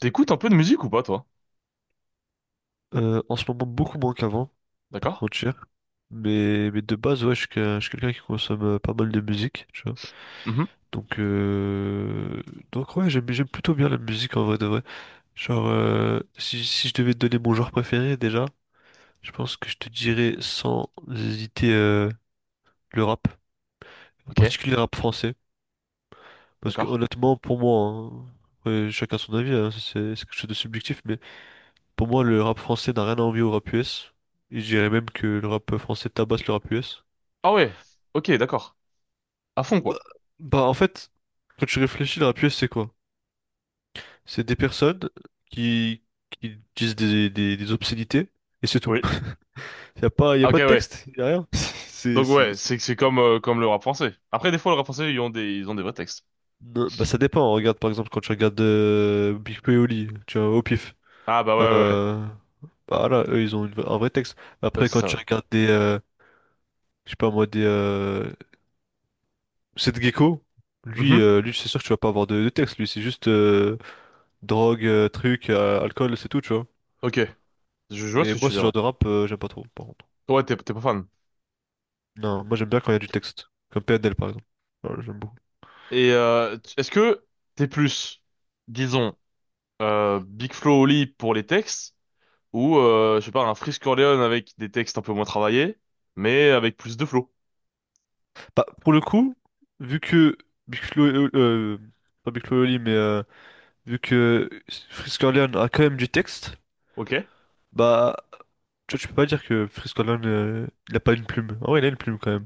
T'écoutes un peu de musique ou pas, toi? En ce moment, beaucoup moins qu'avant, pas te D'accord? mentir. Mais de base, ouais, je suis quelqu'un qui consomme pas mal de musique, tu vois. Mhm. Donc, euh, donc ouais, j'aime plutôt bien la musique en vrai de vrai. Genre, si je devais te donner mon genre préféré déjà, je pense que je te dirais sans hésiter le rap, en Ok, particulier le rap français. Parce que d'accord. honnêtement, pour moi, hein, ouais, chacun son avis, hein, c'est quelque chose de subjectif, mais pour moi, le rap français n'a rien à envier au rap US. Et je dirais même que le rap français tabasse le rap US. Ah ouais, ok, d'accord. À fond, Bah, quoi. bah, en fait, quand tu réfléchis, la pièce, c'est quoi? C'est des personnes qui, qui disent des obscénités et c'est tout. Oui. Y a pas, y a Ah, ok, pas de ouais. texte, y a rien. Donc ouais, c'est comme le rap français. Après, des fois, le rap français, ils ont des vrais textes. Non, bah, ça dépend. Regarde, par exemple, quand tu regardes Big Flo et Oli, tu vois, au pif. Ah bah ouais, ouais, ouais. Euh, Bah, là, eux, ils ont un vrai texte. Ouais, Après, c'est quand ça, tu ouais. regardes des, je sais pas moi, des, Seth Gecko, lui, Mhm. euh, lui, c'est sûr que tu vas pas avoir de texte. Lui, c'est juste drogue, truc, alcool, c'est tout, tu vois. Ok, je vois ce Et que moi, tu veux ce dire, genre ouais. de rap, j'aime pas trop, par contre. Ouais, t'es pas fan. Non, moi j'aime bien quand il y a du texte. Comme PNL, par exemple. Voilà, j'aime beaucoup. Est-ce que t'es plus, disons, Big Flo Oli pour les textes ou je sais pas un Freeze Corleone avec des textes un peu moins travaillés, mais avec plus de flow. Bah, pour le coup, vu que Big Flo, pas Big Flo et Oli, vu que Frisk Orleans a quand même du texte, Ok? bah, tu vois, tu peux pas dire que Frisk Orleans, il a pas une plume. Ah ouais, il a une plume quand même.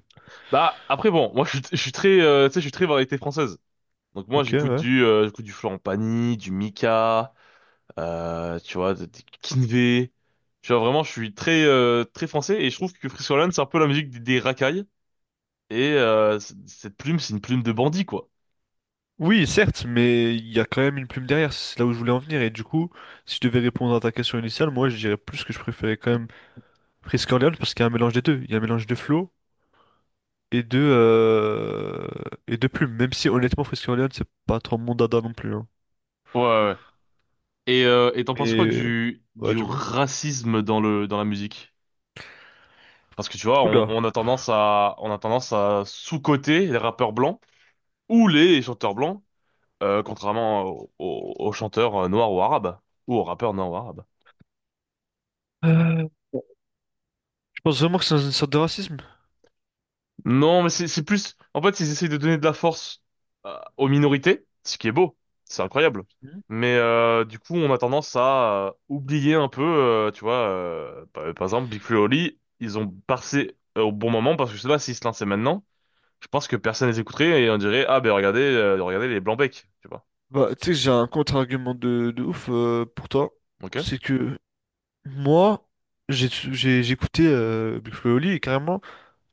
Bah après bon, moi je suis très tu sais je suis très variété française. Donc moi Ok, j'écoute ouais. du euh, j'écoute du Florent Pagny, du Mika, tu vois des Kinvé. Tu vois vraiment je suis très français et je trouve que Friscoland c'est un peu la musique des racailles et cette plume c'est une plume de bandit quoi. Oui, certes, mais il y a quand même une plume derrière, c'est là où je voulais en venir. Et du coup, si je devais répondre à ta question initiale, moi je dirais plus que je préférais quand même Frisk Orleans parce qu'il y a un mélange des deux. Il y a un mélange de flow et de euh, et de plume. Même si honnêtement, Frisk Orleans, c'est pas trop mon dada non plus. Hein. Ouais, ouais. Et t'en penses quoi Mais du ouais, du du moins. racisme dans la musique? Parce que tu vois Oula. on a tendance à sous-coter les rappeurs blancs ou les chanteurs blancs. Contrairement aux aux chanteurs noirs ou arabes, ou aux rappeurs noirs ou arabes. Euh, Je pense vraiment que c'est une sorte de racisme. Non, mais c'est plus… En fait, ils essayent de donner de la force aux minorités, ce qui est beau, c'est incroyable. Mhm. Mais du coup, on a tendance à oublier un peu, par exemple, Big Flo et Oli, ils ont passé au bon moment, parce que je sais pas s'ils se lançaient maintenant, je pense que personne les écouterait et on dirait, ah ben regardez, regardez les Blancs-Becs, tu vois. Bah, tu sais, j'ai un contre-argument de ouf pour toi. Ok? C'est que moi, j'ai écouté Big Flo et Oli et carrément,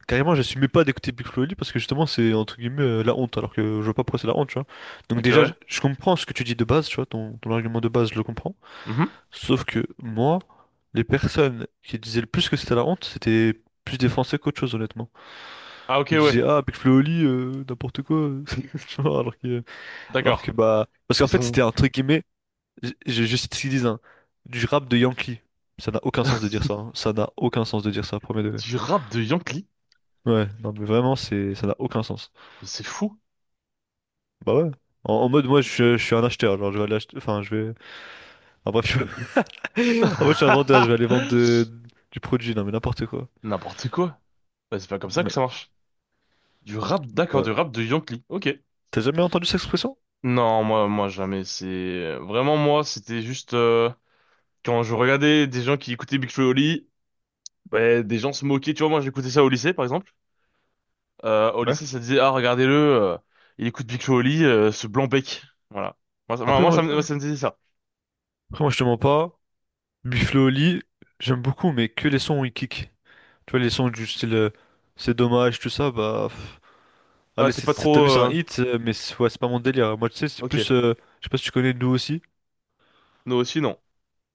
carrément, j'assumais pas d'écouter Big Flo et Oli parce que justement, c'est entre guillemets la honte, alors que je vois pas pourquoi c'est la honte, tu vois. Donc, Ok, déjà, je ouais. je comprends ce que tu dis de base, tu vois, ton argument de base, je le comprends. Mhm. Sauf que moi, les personnes qui disaient le plus que c'était la honte, c'était plus des Français qu'autre chose, honnêtement. Ah ok, Ils ouais. disaient, ah, Big Flo et Oli, n'importe quoi. Tu vois. Alors que, D'accord. bah. Parce qu'en Ils fait, c'était ont entre guillemets, je cite ce qu'ils disent, hein, du rap de Yankee. Ça n'a aucun sens de dire ça. Hein. Ça n'a aucun sens de dire ça, premier degré. du rap de Yankee. Ouais, non, mais vraiment, ça n'a aucun sens. Mais c'est fou. Bah ouais. En mode, moi, je suis un acheteur. Genre, je vais aller acheter. Enfin, je vais. Ah, bref, je... En mode, je suis un vendeur. Je vais aller vendre du produit. Non, mais n'importe quoi. N'importe quoi. Bah, c'est pas comme ça que ça Ouais. marche. Du rap, d'accord, du Bah. rap de Yankee. Ok. T'as jamais entendu cette expression? Non, moi, jamais. C'est vraiment moi. C'était juste quand je regardais des gens qui écoutaient Big Flo et Oli, ouais, des gens se moquaient. Tu vois, moi, j'écoutais ça au lycée, par exemple. Au Ouais. lycée, ça disait, ah, regardez-le, il écoute Big Flo et Oli, ce blanc bec. Voilà. Moi, ça, moi, Après moi, moi, ça me, je- moi, ça me disait ça. après moi je te mens pas. Buffalo au lit, j'aime beaucoup, mais que les sons où il kick. Tu vois, les sons du style c'est dommage, tout ça, bah. Pff. Ah, Allez, t'es pas t'as trop… vu, c'est un hit, mais c'est ouais, c'est pas mon délire. Moi, tu sais, c'est Ok. plus. Je sais pas si tu connais Nous aussi. Nous aussi, non.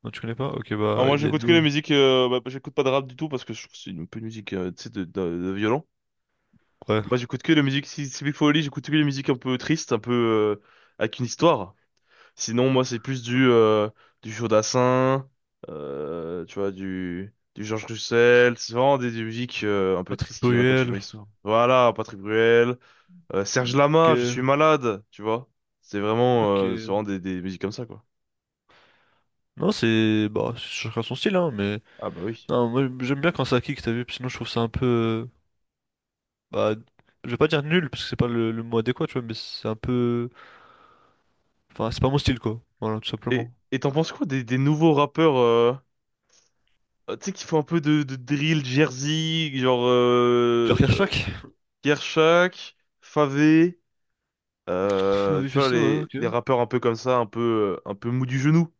Non, tu connais pas? Ok, Alors bah, moi il y a j'écoute que Nous. les musiques, bah, j'écoute pas de rap du tout parce que je trouve que c'est une peu une musique tu sais, de violon. Ouais. Moi, j'écoute que la musique, si il faut au lit, j'écoute que les musiques un peu tristes, un peu avec une histoire. Sinon, moi, c'est plus du Jodassin, tu vois, du Georges Russel. C'est vraiment des musiques un peu Patrick tristes qui racontent une Bruel. vraie histoire. Voilà, Patrick Bruel, Serge Lama, Je suis Ok. malade, tu vois. C'est Ok. vraiment des musiques comme ça, quoi. Non, c'est. Bah, chacun son style, hein, mais. Ah bah oui. Non, moi, j'aime bien quand ça kick, t'as vu, sinon je trouve ça un peu. Bah, je vais pas dire nul, parce que c'est pas le mot adéquat, tu vois, mais c'est un peu. Enfin, c'est pas mon style, quoi. Voilà, tout simplement. Et t'en penses quoi des nouveaux rappeurs, tu sais, qui font un peu de drill, Jersey, genre Genre Kershak, Kershak, Favé, on avait tu fait vois, ça, ouais, ok. les rappeurs un peu comme ça, un peu mou du genou.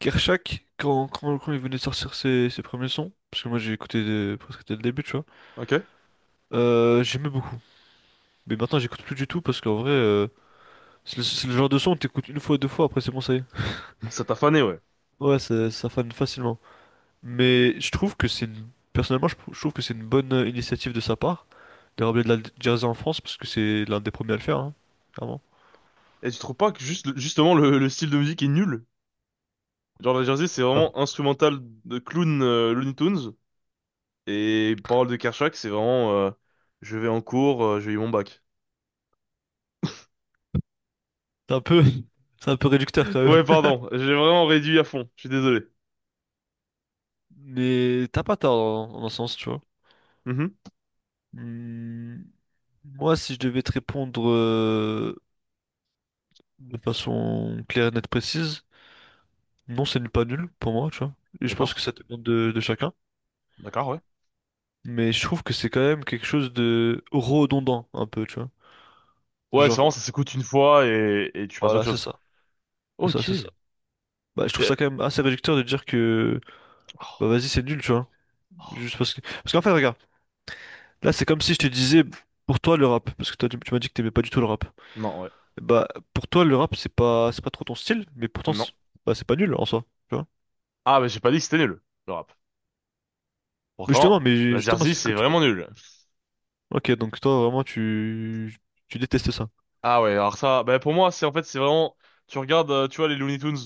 Kershak, quand il venait de sortir ses premiers sons, parce que moi j'ai écouté presque dès le début, tu vois, Ok? J'aimais beaucoup. Mais maintenant j'écoute plus du tout parce qu'en vrai, c'est le genre de son que t'écoutes une fois, deux fois, après c'est bon, ça y est. Ça t'a fané, ouais. Ouais, ça fane facilement. Mais je trouve que c'est une... Personnellement, je trouve que c'est une bonne initiative de sa part de ramener de la jazz en France parce que c'est l'un des premiers à le faire, hein, clairement. Et tu trouves pas que justement, le style de musique est nul? Genre, la Jersey, c'est Ah, vraiment instrumental de clown, Looney Tunes. Et paroles de Kershak, c'est vraiment je vais en cours, j'ai eu mon bac. C'est un peu, c'est un peu réducteur quand même. Ouais, pardon, j'ai vraiment réduit à fond, je suis désolé. Mais t'as pas tort dans un sens, tu vois. Mhm. Hmm, Moi, si je devais te répondre de façon claire et nette précise, non, c'est nul pas nul pour moi, tu vois. Et je pense D'accord, que ça dépend de chacun. d'accord, ouais. Mais je trouve que c'est quand même quelque chose de redondant, un peu, tu vois. Ouais, c'est vraiment, Genre, ça s'écoute une fois et tu passes à autre voilà, c'est chose. ça. C'est ça, Ok. c'est ça. Et… Bah, je trouve ça quand même assez réducteur de dire que, bah, oh, vas-y, c'est nul, tu vois. oh. Juste parce que. Parce qu'en fait, regarde, là, c'est comme si je te disais, pour toi, le rap. Parce que toi, tu m'as dit que t'aimais pas du tout le rap. Non, ouais. Bah, pour toi, le rap, c'est pas trop ton style, mais pourtant, Non. c'est bah, c'est pas nul en soi, tu vois. Ah, mais j'ai pas dit que c'était nul, le rap. Mais Pourtant, justement, mais la justement, Jersey, c'est c'est que tu vois. vraiment nul. Ok, donc toi, vraiment, tu détestes ça. Ah ouais, alors ça, bah pour moi, c'est en fait, c'est vraiment… Tu regardes, tu vois, les Looney Tunes,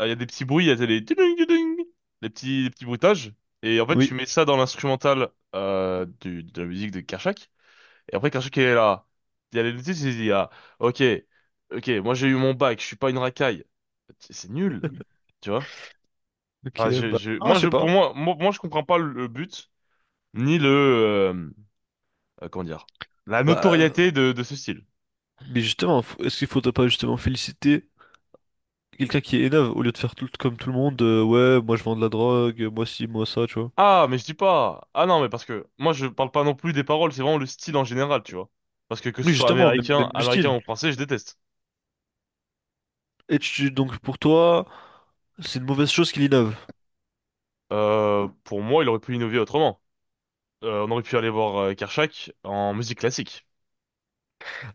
il y a des petits bruits, il y a des tudung, tudung. Les petits bruitages. Et en fait, Oui. tu mets ça dans l'instrumental de la musique de Kershak. Et après, Kershak, il est là. Il y a les Looney Tunes, il dit, ah, ok, ok, moi j'ai eu mon bac, je suis pas une racaille. C'est nul, tu vois? Ok, Enfin, je, bah, je, ah, moi, je je, sais pour pas. moi, moi, moi, je comprends pas le but, ni le… comment dire, la Bah, notoriété de ce style. mais justement, est-ce qu'il faudrait pas justement féliciter quelqu'un qui innove au lieu de faire tout comme tout le monde, ouais, moi je vends de la drogue, moi ci, moi ça, tu vois. Ah, mais je dis pas. Ah non, mais parce que moi je parle pas non plus des paroles, c'est vraiment le style en général, tu vois. Parce que ce Oui, soit justement, même, même le américain style. ou français, je déteste. Et donc pour toi, c'est une mauvaise chose qu'il innove. Pour moi, il aurait pu innover autrement. On aurait pu aller voir Kershak en musique classique.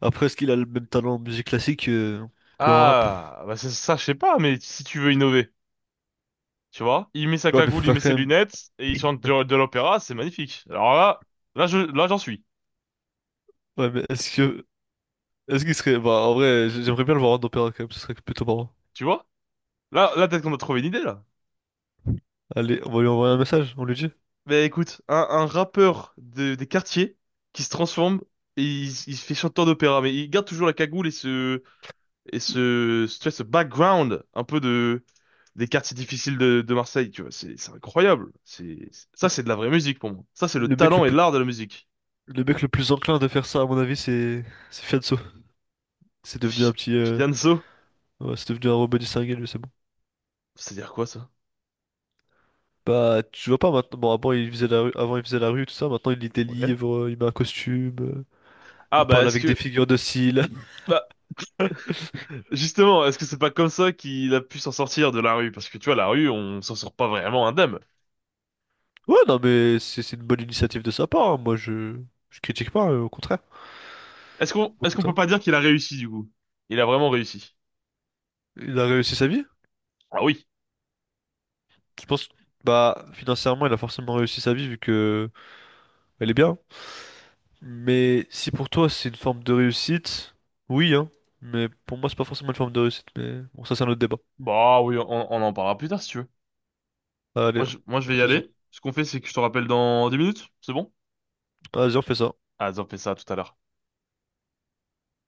Après, est-ce qu'il a le même talent en musique classique qu'en rap? Ah, bah c'est ça, je sais pas, mais si tu veux innover, tu vois, il met sa Ouais, mais faut cagoule, il met faire quand ses même. lunettes et il chante de l'opéra, c'est magnifique. Alors là, là j'en suis, Ouais, mais est-ce que. Est-ce qu'il serait. Bah, en vrai, j'aimerais bien le voir en opéra quand même, ce serait plutôt marrant. tu vois. Là peut-être qu'on a trouvé une idée là. Allez, on va lui envoyer un message, on lui dit. Ben écoute, un rappeur des quartiers qui se transforme et il se fait chanteur d'opéra, mais il garde toujours la cagoule et tu vois, ce background un peu de des quartiers difficiles de Marseille, tu vois, c'est incroyable. C'est ça, Le c'est de la vraie musique pour moi. Ça, c'est le le mec le talent et plus, l'art de la musique. le mec le plus enclin de faire ça, à mon avis, c'est. C'est Fianso. C'est devenu un Fi- petit. Fianzo, Ouais, c'est devenu un robot distingué, lui, c'est bon. c'est-à-dire quoi ça? Bah, tu vois pas maintenant. Bon, avant, il faisait la rue, avant, il faisait la rue, tout ça. Maintenant, il lit des Ok. livres, il met un costume, Ah il bah parle est-ce avec des que figures de style. bah justement, est-ce que c'est pas comme ça qu'il a pu s'en sortir de la rue? Parce que tu vois, la rue, on s'en sort pas vraiment indemne. Ouais, non, mais c'est une bonne initiative de sa part, hein. Moi, je. Je critique pas, au contraire. Au Est-ce qu'on peut contraire. pas dire qu'il a réussi du coup? Il a vraiment réussi. Il a réussi sa vie. Ah oui. Je pense, bah, financièrement, elle a forcément réussi sa vie vu que elle est bien. Mais si pour toi c'est une forme de réussite, oui, hein. Mais pour moi, c'est pas forcément une forme de réussite. Mais bon, ça, c'est un autre débat. Bah oui, on en parlera plus tard si tu veux. Allez, Moi je pas vais de y soucis. aller. Ce qu'on fait c'est que je te rappelle dans 10 minutes, c'est bon? Vas-y, on fait ça. Ah, on fait ça tout à l'heure.